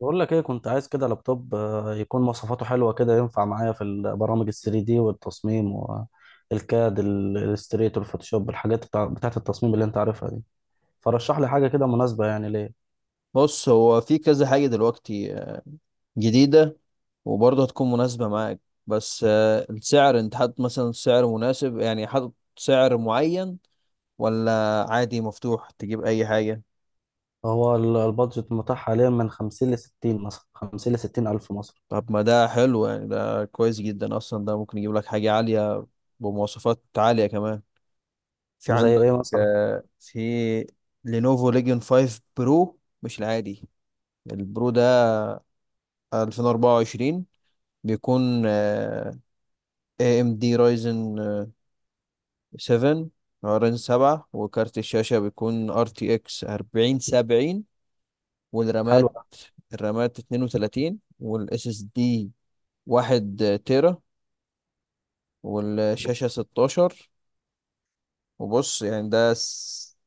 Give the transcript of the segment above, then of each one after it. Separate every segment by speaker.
Speaker 1: بقول لك ايه كنت عايز كده لابتوب، يكون مواصفاته حلوه كده، ينفع معايا في البرامج ال 3 دي والتصميم والكاد الاستريتور الفوتوشوب، الحاجات بتاعت التصميم اللي انت عارفها دي. فرشح لي حاجه كده مناسبه يعني ليه.
Speaker 2: بص، هو في كذا حاجة دلوقتي جديدة وبرضه هتكون مناسبة معاك. بس السعر، انت حاطط مثلا سعر مناسب، يعني حاطط سعر معين ولا عادي مفتوح تجيب أي حاجة؟
Speaker 1: هو البادجت متاح حاليا من 50 ل 60، مثلا 50 ل 60 الف مصري.
Speaker 2: طب ما ده حلو، يعني ده كويس جدا أصلا. ده ممكن يجيب لك حاجة عالية بمواصفات عالية كمان. في
Speaker 1: زي
Speaker 2: عندك
Speaker 1: ايه مثلا؟
Speaker 2: في لينوفو ليجيون 5 برو، مش العادي، البرو ده 2024. بيكون AMD Ryzen 7. رامين 7، وكارت الشاشة بيكون ار تي اكس 40 70.
Speaker 1: حلو
Speaker 2: والرامات
Speaker 1: ده.
Speaker 2: الرامات 32، والاس اس دي 1 تيرا، والشاشة 16. وبص، يعني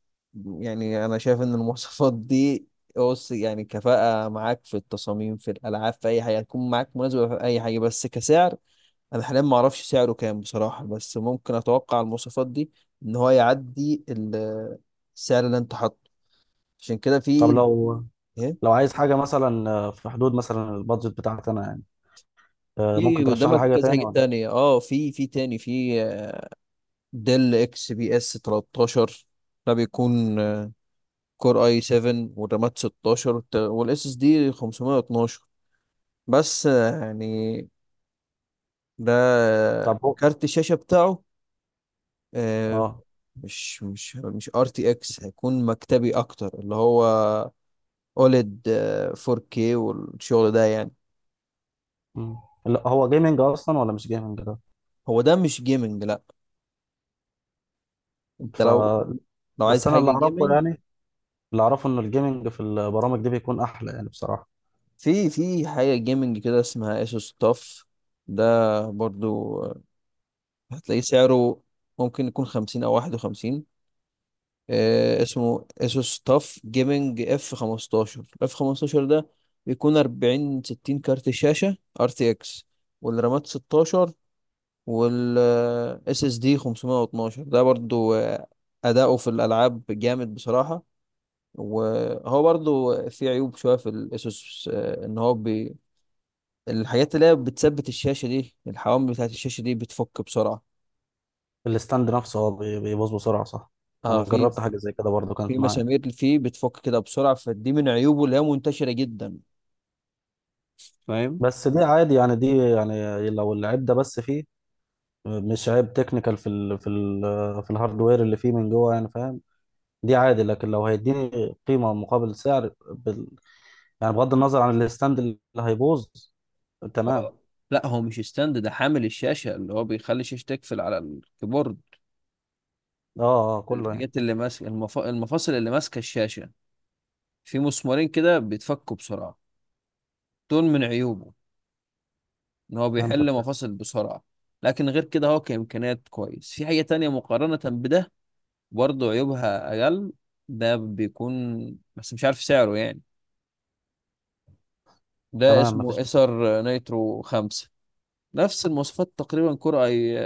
Speaker 2: يعني انا شايف ان المواصفات دي، بص، يعني كفاءة معاك في التصاميم، في الالعاب، في اي حاجة هتكون معاك مناسبة في اي حاجة. بس كسعر، انا حاليا ما اعرفش سعره كام بصراحة، بس ممكن اتوقع المواصفات دي ان هو يعدي السعر اللي انت حاطه، عشان كده
Speaker 1: طب
Speaker 2: في.
Speaker 1: لو
Speaker 2: إيه؟
Speaker 1: لو عايز حاجه مثلا، في حدود مثلا البادجت بتاعتي انا يعني،
Speaker 2: في
Speaker 1: ممكن ترشح لي
Speaker 2: قدامك
Speaker 1: حاجه
Speaker 2: كذا
Speaker 1: تاني
Speaker 2: حاجة
Speaker 1: ولا؟
Speaker 2: تانية، اه في، تاني، في ديل اكس بي اس 13. ده بيكون كور اي 7، والرامات 16، والاس اس دي 512. بس يعني ده
Speaker 1: طب هو.
Speaker 2: كارت الشاشة بتاعه آه،
Speaker 1: اه.
Speaker 2: مش ار تي اكس، هيكون مكتبي اكتر، اللي هو اوليد 4K والشغل ده يعني.
Speaker 1: مم. لا، هو جيمنج اصلا ولا مش جيمنج ده؟
Speaker 2: هو ده مش جيمنج لا. انت
Speaker 1: ف
Speaker 2: لو
Speaker 1: بس
Speaker 2: عايز
Speaker 1: انا
Speaker 2: حاجة
Speaker 1: اللي اعرفه
Speaker 2: جيمنج،
Speaker 1: يعني، اللي اعرفه ان الجيمنج في البرامج دي بيكون احلى يعني بصراحه.
Speaker 2: في حاجة جيمنج كده اسمها اسوس تاف. ده برضو هتلاقيه سعره ممكن يكون خمسين أو واحد وخمسين. اسمه اسوس تاف جيمنج اف خمستاشر ده. بيكون أربعين ستين، كارت شاشة ار تي اكس، والرامات ستاشر، وال اس اس دي خمسمية واتناشر. ده برضو أداؤه في الألعاب جامد بصراحة. وهو برضو في عيوب شوية في الاسوس، إن هو الحاجات اللي هي بتثبت الشاشة دي، الحوامل بتاعت الشاشة دي بتفك بسرعة.
Speaker 1: الستاند نفسه هو بيبوظ بسرعه، صح؟ انا
Speaker 2: اه، في
Speaker 1: جربت حاجه زي كده برضو، كانت معايا.
Speaker 2: مسامير فيه بتفك كده بسرعة، فدي من عيوبه اللي هي منتشرة جدا. فاهم.
Speaker 1: بس دي عادي يعني، دي يعني لو العيب ده بس فيه، مش عيب تكنيكال في ال في الهاردوير اللي فيه من جوه يعني، فاهم؟ دي عادي، لكن لو هيديني قيمه مقابل سعر بال، يعني بغض النظر عن الستاند اللي هيبوظ، تمام.
Speaker 2: هو- لا هو مش ستاند، ده حامل الشاشة اللي هو بيخلي الشاشة تقفل على الكيبورد.
Speaker 1: اه اه، كله يعني.
Speaker 2: الحاجات اللي ماسكة المفاصل اللي ماسكة الشاشة، في مسمارين كده بيتفكوا بسرعة. دول من عيوبه ان هو بيحل
Speaker 1: فهمتك.
Speaker 2: مفاصل بسرعة. لكن غير كده هو كإمكانيات كويس. في حاجة تانية مقارنة بده، برضه عيوبها أقل. ده بيكون، بس مش عارف سعره يعني. ده
Speaker 1: تمام،
Speaker 2: اسمه
Speaker 1: مفيش مشكله.
Speaker 2: ايسر نيترو خمسة. نفس المواصفات تقريبا، كور اي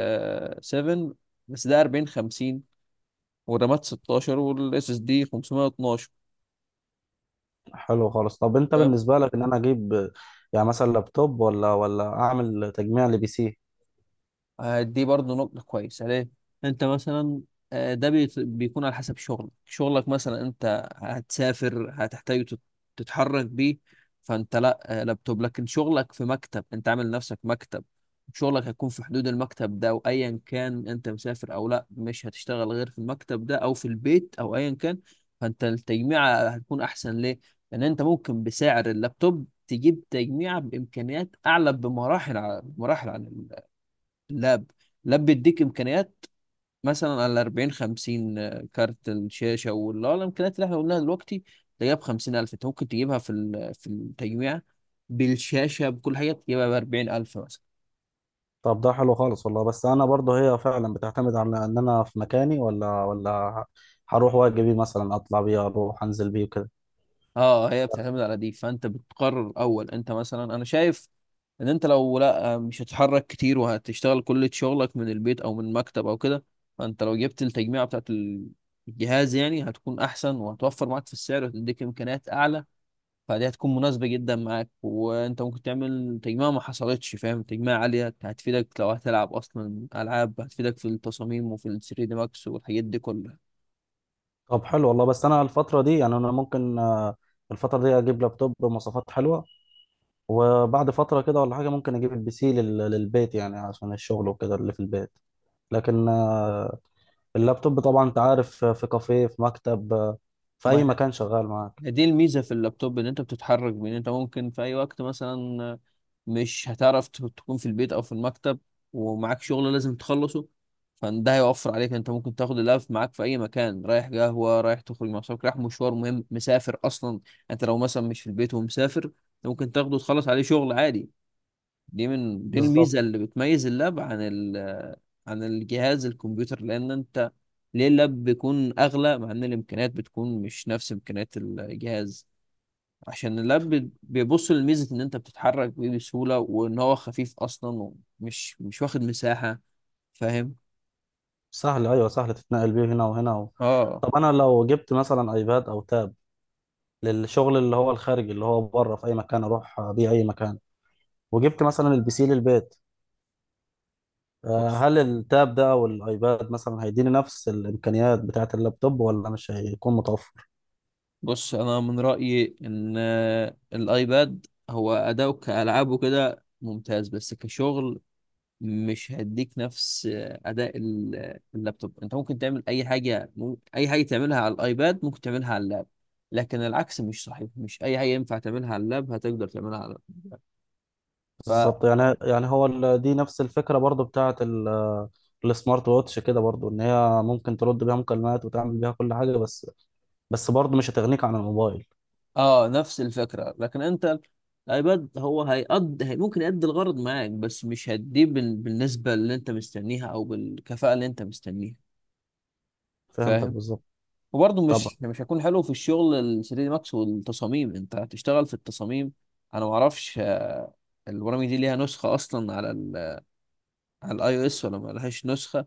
Speaker 2: سفن، بس ده 40 50، والرامات 16، والاس اس دي 512.
Speaker 1: حلو خالص. طب انت
Speaker 2: فاهم.
Speaker 1: بالنسبة لك، ان انا اجيب يعني مثلا لابتوب ولا اعمل تجميع لبي سي؟
Speaker 2: دي برضو نقطة كويسة ليه؟ أنت مثلا ده بيكون على حسب شغلك، شغلك مثلا أنت هتسافر هتحتاج تتحرك بيه. فأنت لا لابتوب، لكن شغلك في مكتب، أنت عامل نفسك مكتب. شغلك هيكون في حدود المكتب ده، وأيا كان أنت مسافر أو لا مش هتشتغل غير في المكتب ده أو في البيت أو أيا كان. فأنت التجميعة هتكون أحسن ليه؟ لأن أنت ممكن بسعر اللابتوب تجيب تجميعة بإمكانيات أعلى بمراحل، بمراحل عن لاب. بيديك امكانيات مثلا على 40 50، كارت الشاشه واللي هو الامكانيات اللي احنا قلناها دلوقتي، تلاقيها ب 50000. انت ممكن تجيبها في التجميع، بالشاشه بكل حاجه تجيبها ب 40000 مثلا.
Speaker 1: طب ده حلو خالص والله. بس انا برضه، هي فعلا بتعتمد على ان انا في مكاني ولا هروح واجي بيه، مثلا اطلع بيه، اروح انزل بيه وكده.
Speaker 2: اه، هي بتعتمد على دي، فانت بتقرر اول. انت مثلا انا شايف ان انت لو لا مش هتتحرك كتير وهتشتغل كل شغلك من البيت او من مكتب او كده. فانت لو جبت التجميع بتاعت الجهاز يعني هتكون احسن، وهتوفر معاك في السعر، وهتديك امكانيات اعلى. فدي هتكون مناسبة جدا معاك، وانت ممكن تعمل تجميع ما حصلتش فاهم. تجميع عالية هتفيدك لو هتلعب اصلا العاب، هتفيدك في التصاميم وفي ال 3 دي ماكس والحاجات دي كلها.
Speaker 1: طب حلو والله. بس انا الفترة دي يعني، انا ممكن، الفترة دي اجيب لابتوب بمواصفات حلوة، وبعد فترة كده ولا حاجة ممكن اجيب البي سي للبيت، يعني عشان الشغل وكده اللي في البيت. لكن اللابتوب طبعا انت عارف، في كافيه، في مكتب، في
Speaker 2: ما
Speaker 1: اي مكان شغال معاك.
Speaker 2: هي دي الميزة في اللابتوب، ان انت بتتحرك، بان انت ممكن في اي وقت مثلا مش هتعرف تكون في البيت او في المكتب. ومعاك شغل لازم تخلصه، فده هيوفر عليك. انت ممكن تاخد اللاب معاك في اي مكان، رايح قهوة، رايح تخرج مع صحابك، رايح مشوار مهم، مسافر اصلا. انت لو مثلا مش في البيت ومسافر، ممكن تاخده وتخلص عليه شغل عادي. دي
Speaker 1: بالظبط.
Speaker 2: الميزه اللي بتميز اللاب عن عن الجهاز الكمبيوتر، لان انت، ليه اللاب بيكون اغلى مع ان الامكانيات بتكون مش نفس امكانيات الجهاز؟ عشان اللاب بيبص لميزه ان انت بتتحرك بيه بسهوله وان هو خفيف اصلا ومش مش واخد مساحه. فاهم.
Speaker 1: سهل، ايوه سهل تتنقل بيه هنا وهنا
Speaker 2: اه.
Speaker 1: طب انا لو جبت مثلا ايباد او تاب للشغل، اللي هو الخارجي اللي هو بره، في اي مكان اروح بيه اي مكان، وجبت مثلا البي سي للبيت،
Speaker 2: بص
Speaker 1: هل التاب ده او الايباد مثلا هيديني نفس الامكانيات بتاعه اللابتوب، ولا مش هيكون متوفر؟
Speaker 2: بص انا من رايي ان الايباد هو اداؤه كالعاب وكده ممتاز، بس كشغل مش هيديك نفس اداء اللابتوب. انت ممكن تعمل اي حاجه تعملها على الايباد ممكن تعملها على اللاب. لكن العكس مش صحيح، مش اي حاجه ينفع تعملها على اللاب هتقدر تعملها على اللاب. ف
Speaker 1: بالظبط. يعني هو دي نفس الفكره برضو بتاعه السمارت ووتش كده، برضو ان هي ممكن ترد بيها مكالمات وتعمل بيها كل حاجه، بس. بس برضو مش هتغنيك عن الموبايل.
Speaker 2: اه، نفس الفكره. لكن انت الايباد هو ممكن يأدي الغرض معاك، بس مش هتديه بالنسبه اللي انت مستنيها او بالكفاءه اللي انت مستنيها.
Speaker 1: فهمتك
Speaker 2: فاهم؟
Speaker 1: بالظبط.
Speaker 2: وبرضه
Speaker 1: طبعا.
Speaker 2: مش هيكون حلو في الشغل ال 3 دي ماكس والتصاميم، انت هتشتغل في التصاميم. انا ما اعرفش البرامج دي ليها نسخه اصلا على الاي او اس ولا ما لهاش نسخه.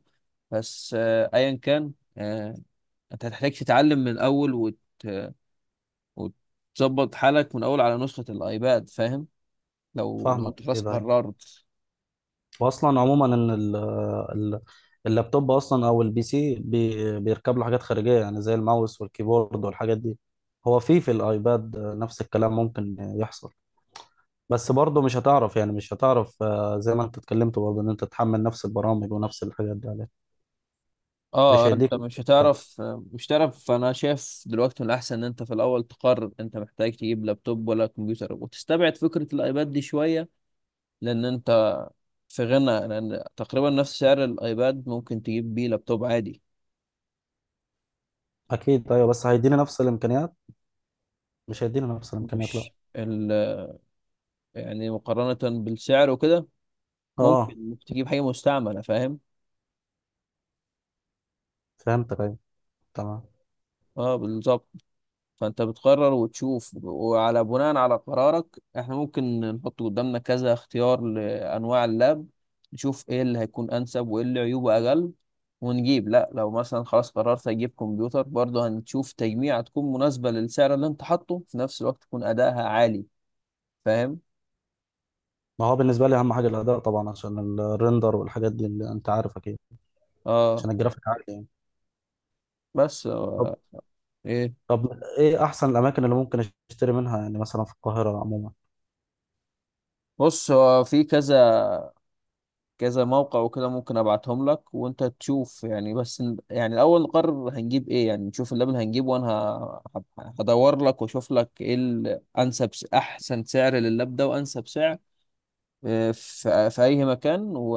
Speaker 2: بس ايا كان، آه، انت هتحتاج تتعلم من الاول وتظبط حالك من الاول على نسخه الايباد. فاهم. لو
Speaker 1: فاهمك.
Speaker 2: انت
Speaker 1: ايه
Speaker 2: خلاص
Speaker 1: ده؟
Speaker 2: قررت.
Speaker 1: واصلا عموما ان ال اللابتوب اصلا او البي سي، بيركب له حاجات خارجيه يعني، زي الماوس والكيبورد والحاجات دي. هو في الايباد نفس الكلام ممكن يحصل، بس برضه مش هتعرف، يعني مش هتعرف، زي ما انت اتكلمت برضه، ان انت تحمل نفس البرامج ونفس الحاجات دي عليه. مش
Speaker 2: اه انت
Speaker 1: هيديك نفس
Speaker 2: مش
Speaker 1: الكفاءة.
Speaker 2: هتعرف آه، مش هتعرف انا شايف دلوقتي من الاحسن ان انت في الاول تقرر انت محتاج تجيب لابتوب ولا كمبيوتر، وتستبعد فكره الايباد دي شويه. لان انت في غنى، لان تقريبا نفس سعر الايباد ممكن تجيب بيه لابتوب عادي.
Speaker 1: اكيد ايوه، بس هيديني نفس الامكانيات؟ مش هيدينا نفس الامكانيات، لا.
Speaker 2: مش ال... يعني مقارنة بالسعر وكده،
Speaker 1: اه،
Speaker 2: ممكن تجيب حاجة مستعملة. فاهم.
Speaker 1: فهمتك ايوه. تمام.
Speaker 2: اه بالظبط. فانت بتقرر وتشوف وعلى بناء على قرارك احنا ممكن نحط قدامنا كذا اختيار لانواع اللاب، نشوف ايه اللي هيكون انسب وايه اللي عيوبه اقل ونجيب. لا لو مثلا خلاص قررت اجيب كمبيوتر، برضه هنشوف تجميع تكون مناسبة للسعر اللي انت حاطه، في نفس الوقت تكون ادائها عالي. فاهم.
Speaker 1: ما هو بالنسبه لي اهم حاجه الاداء طبعا، عشان الريندر والحاجات دي اللي انت عارف اكيد،
Speaker 2: اه.
Speaker 1: عشان الجرافيك عالي يعني.
Speaker 2: بس
Speaker 1: طب.
Speaker 2: هو، ايه؟
Speaker 1: ايه احسن الاماكن اللي ممكن اشتري منها، يعني مثلا في القاهره عموما؟
Speaker 2: بص هو في كذا كذا موقع وكده، ممكن ابعتهم لك وانت تشوف يعني. بس يعني الاول نقرر هنجيب ايه، يعني نشوف اللبن هنجيبه، وانا هدور لك واشوف لك ايه الانسب، احسن سعر لللاب ده وانسب سعر. في اي مكان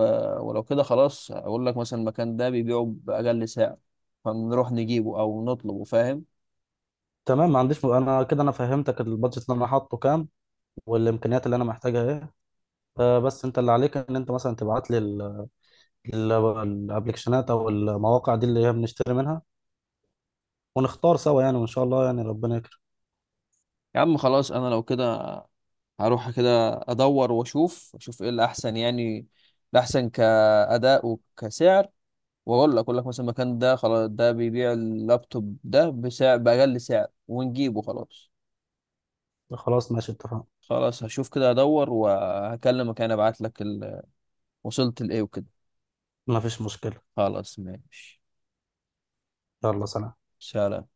Speaker 2: ولو كده خلاص، اقول لك مثلا المكان ده بيبيعه باقل سعر، فنروح نجيبه او نطلبه. فاهم.
Speaker 1: تمام. ما عنديش انا كده، انا فهمتك. البادجت اللي انا حاطه كام، والامكانيات اللي انا محتاجها ايه. بس انت اللي عليك، ان انت مثلا تبعت لي الابلكيشنات او المواقع دي اللي هي بنشتري منها، ونختار سوا يعني، وان شاء الله يعني ربنا يكرم.
Speaker 2: يا عم خلاص، انا لو كده هروح كده ادور واشوف، ايه الاحسن يعني، الاحسن كاداء وكسعر. واقول لك مثلا المكان ده خلاص ده بيبيع اللابتوب ده بسعر باقل سعر ونجيبه خلاص.
Speaker 1: خلاص ماشي، اتفقنا.
Speaker 2: خلاص هشوف كده ادور وهكلمك. انا ابعت لك وصلت لايه وكده.
Speaker 1: ما فيش مشكله.
Speaker 2: خلاص ماشي.
Speaker 1: يلا، سلام.
Speaker 2: سلام.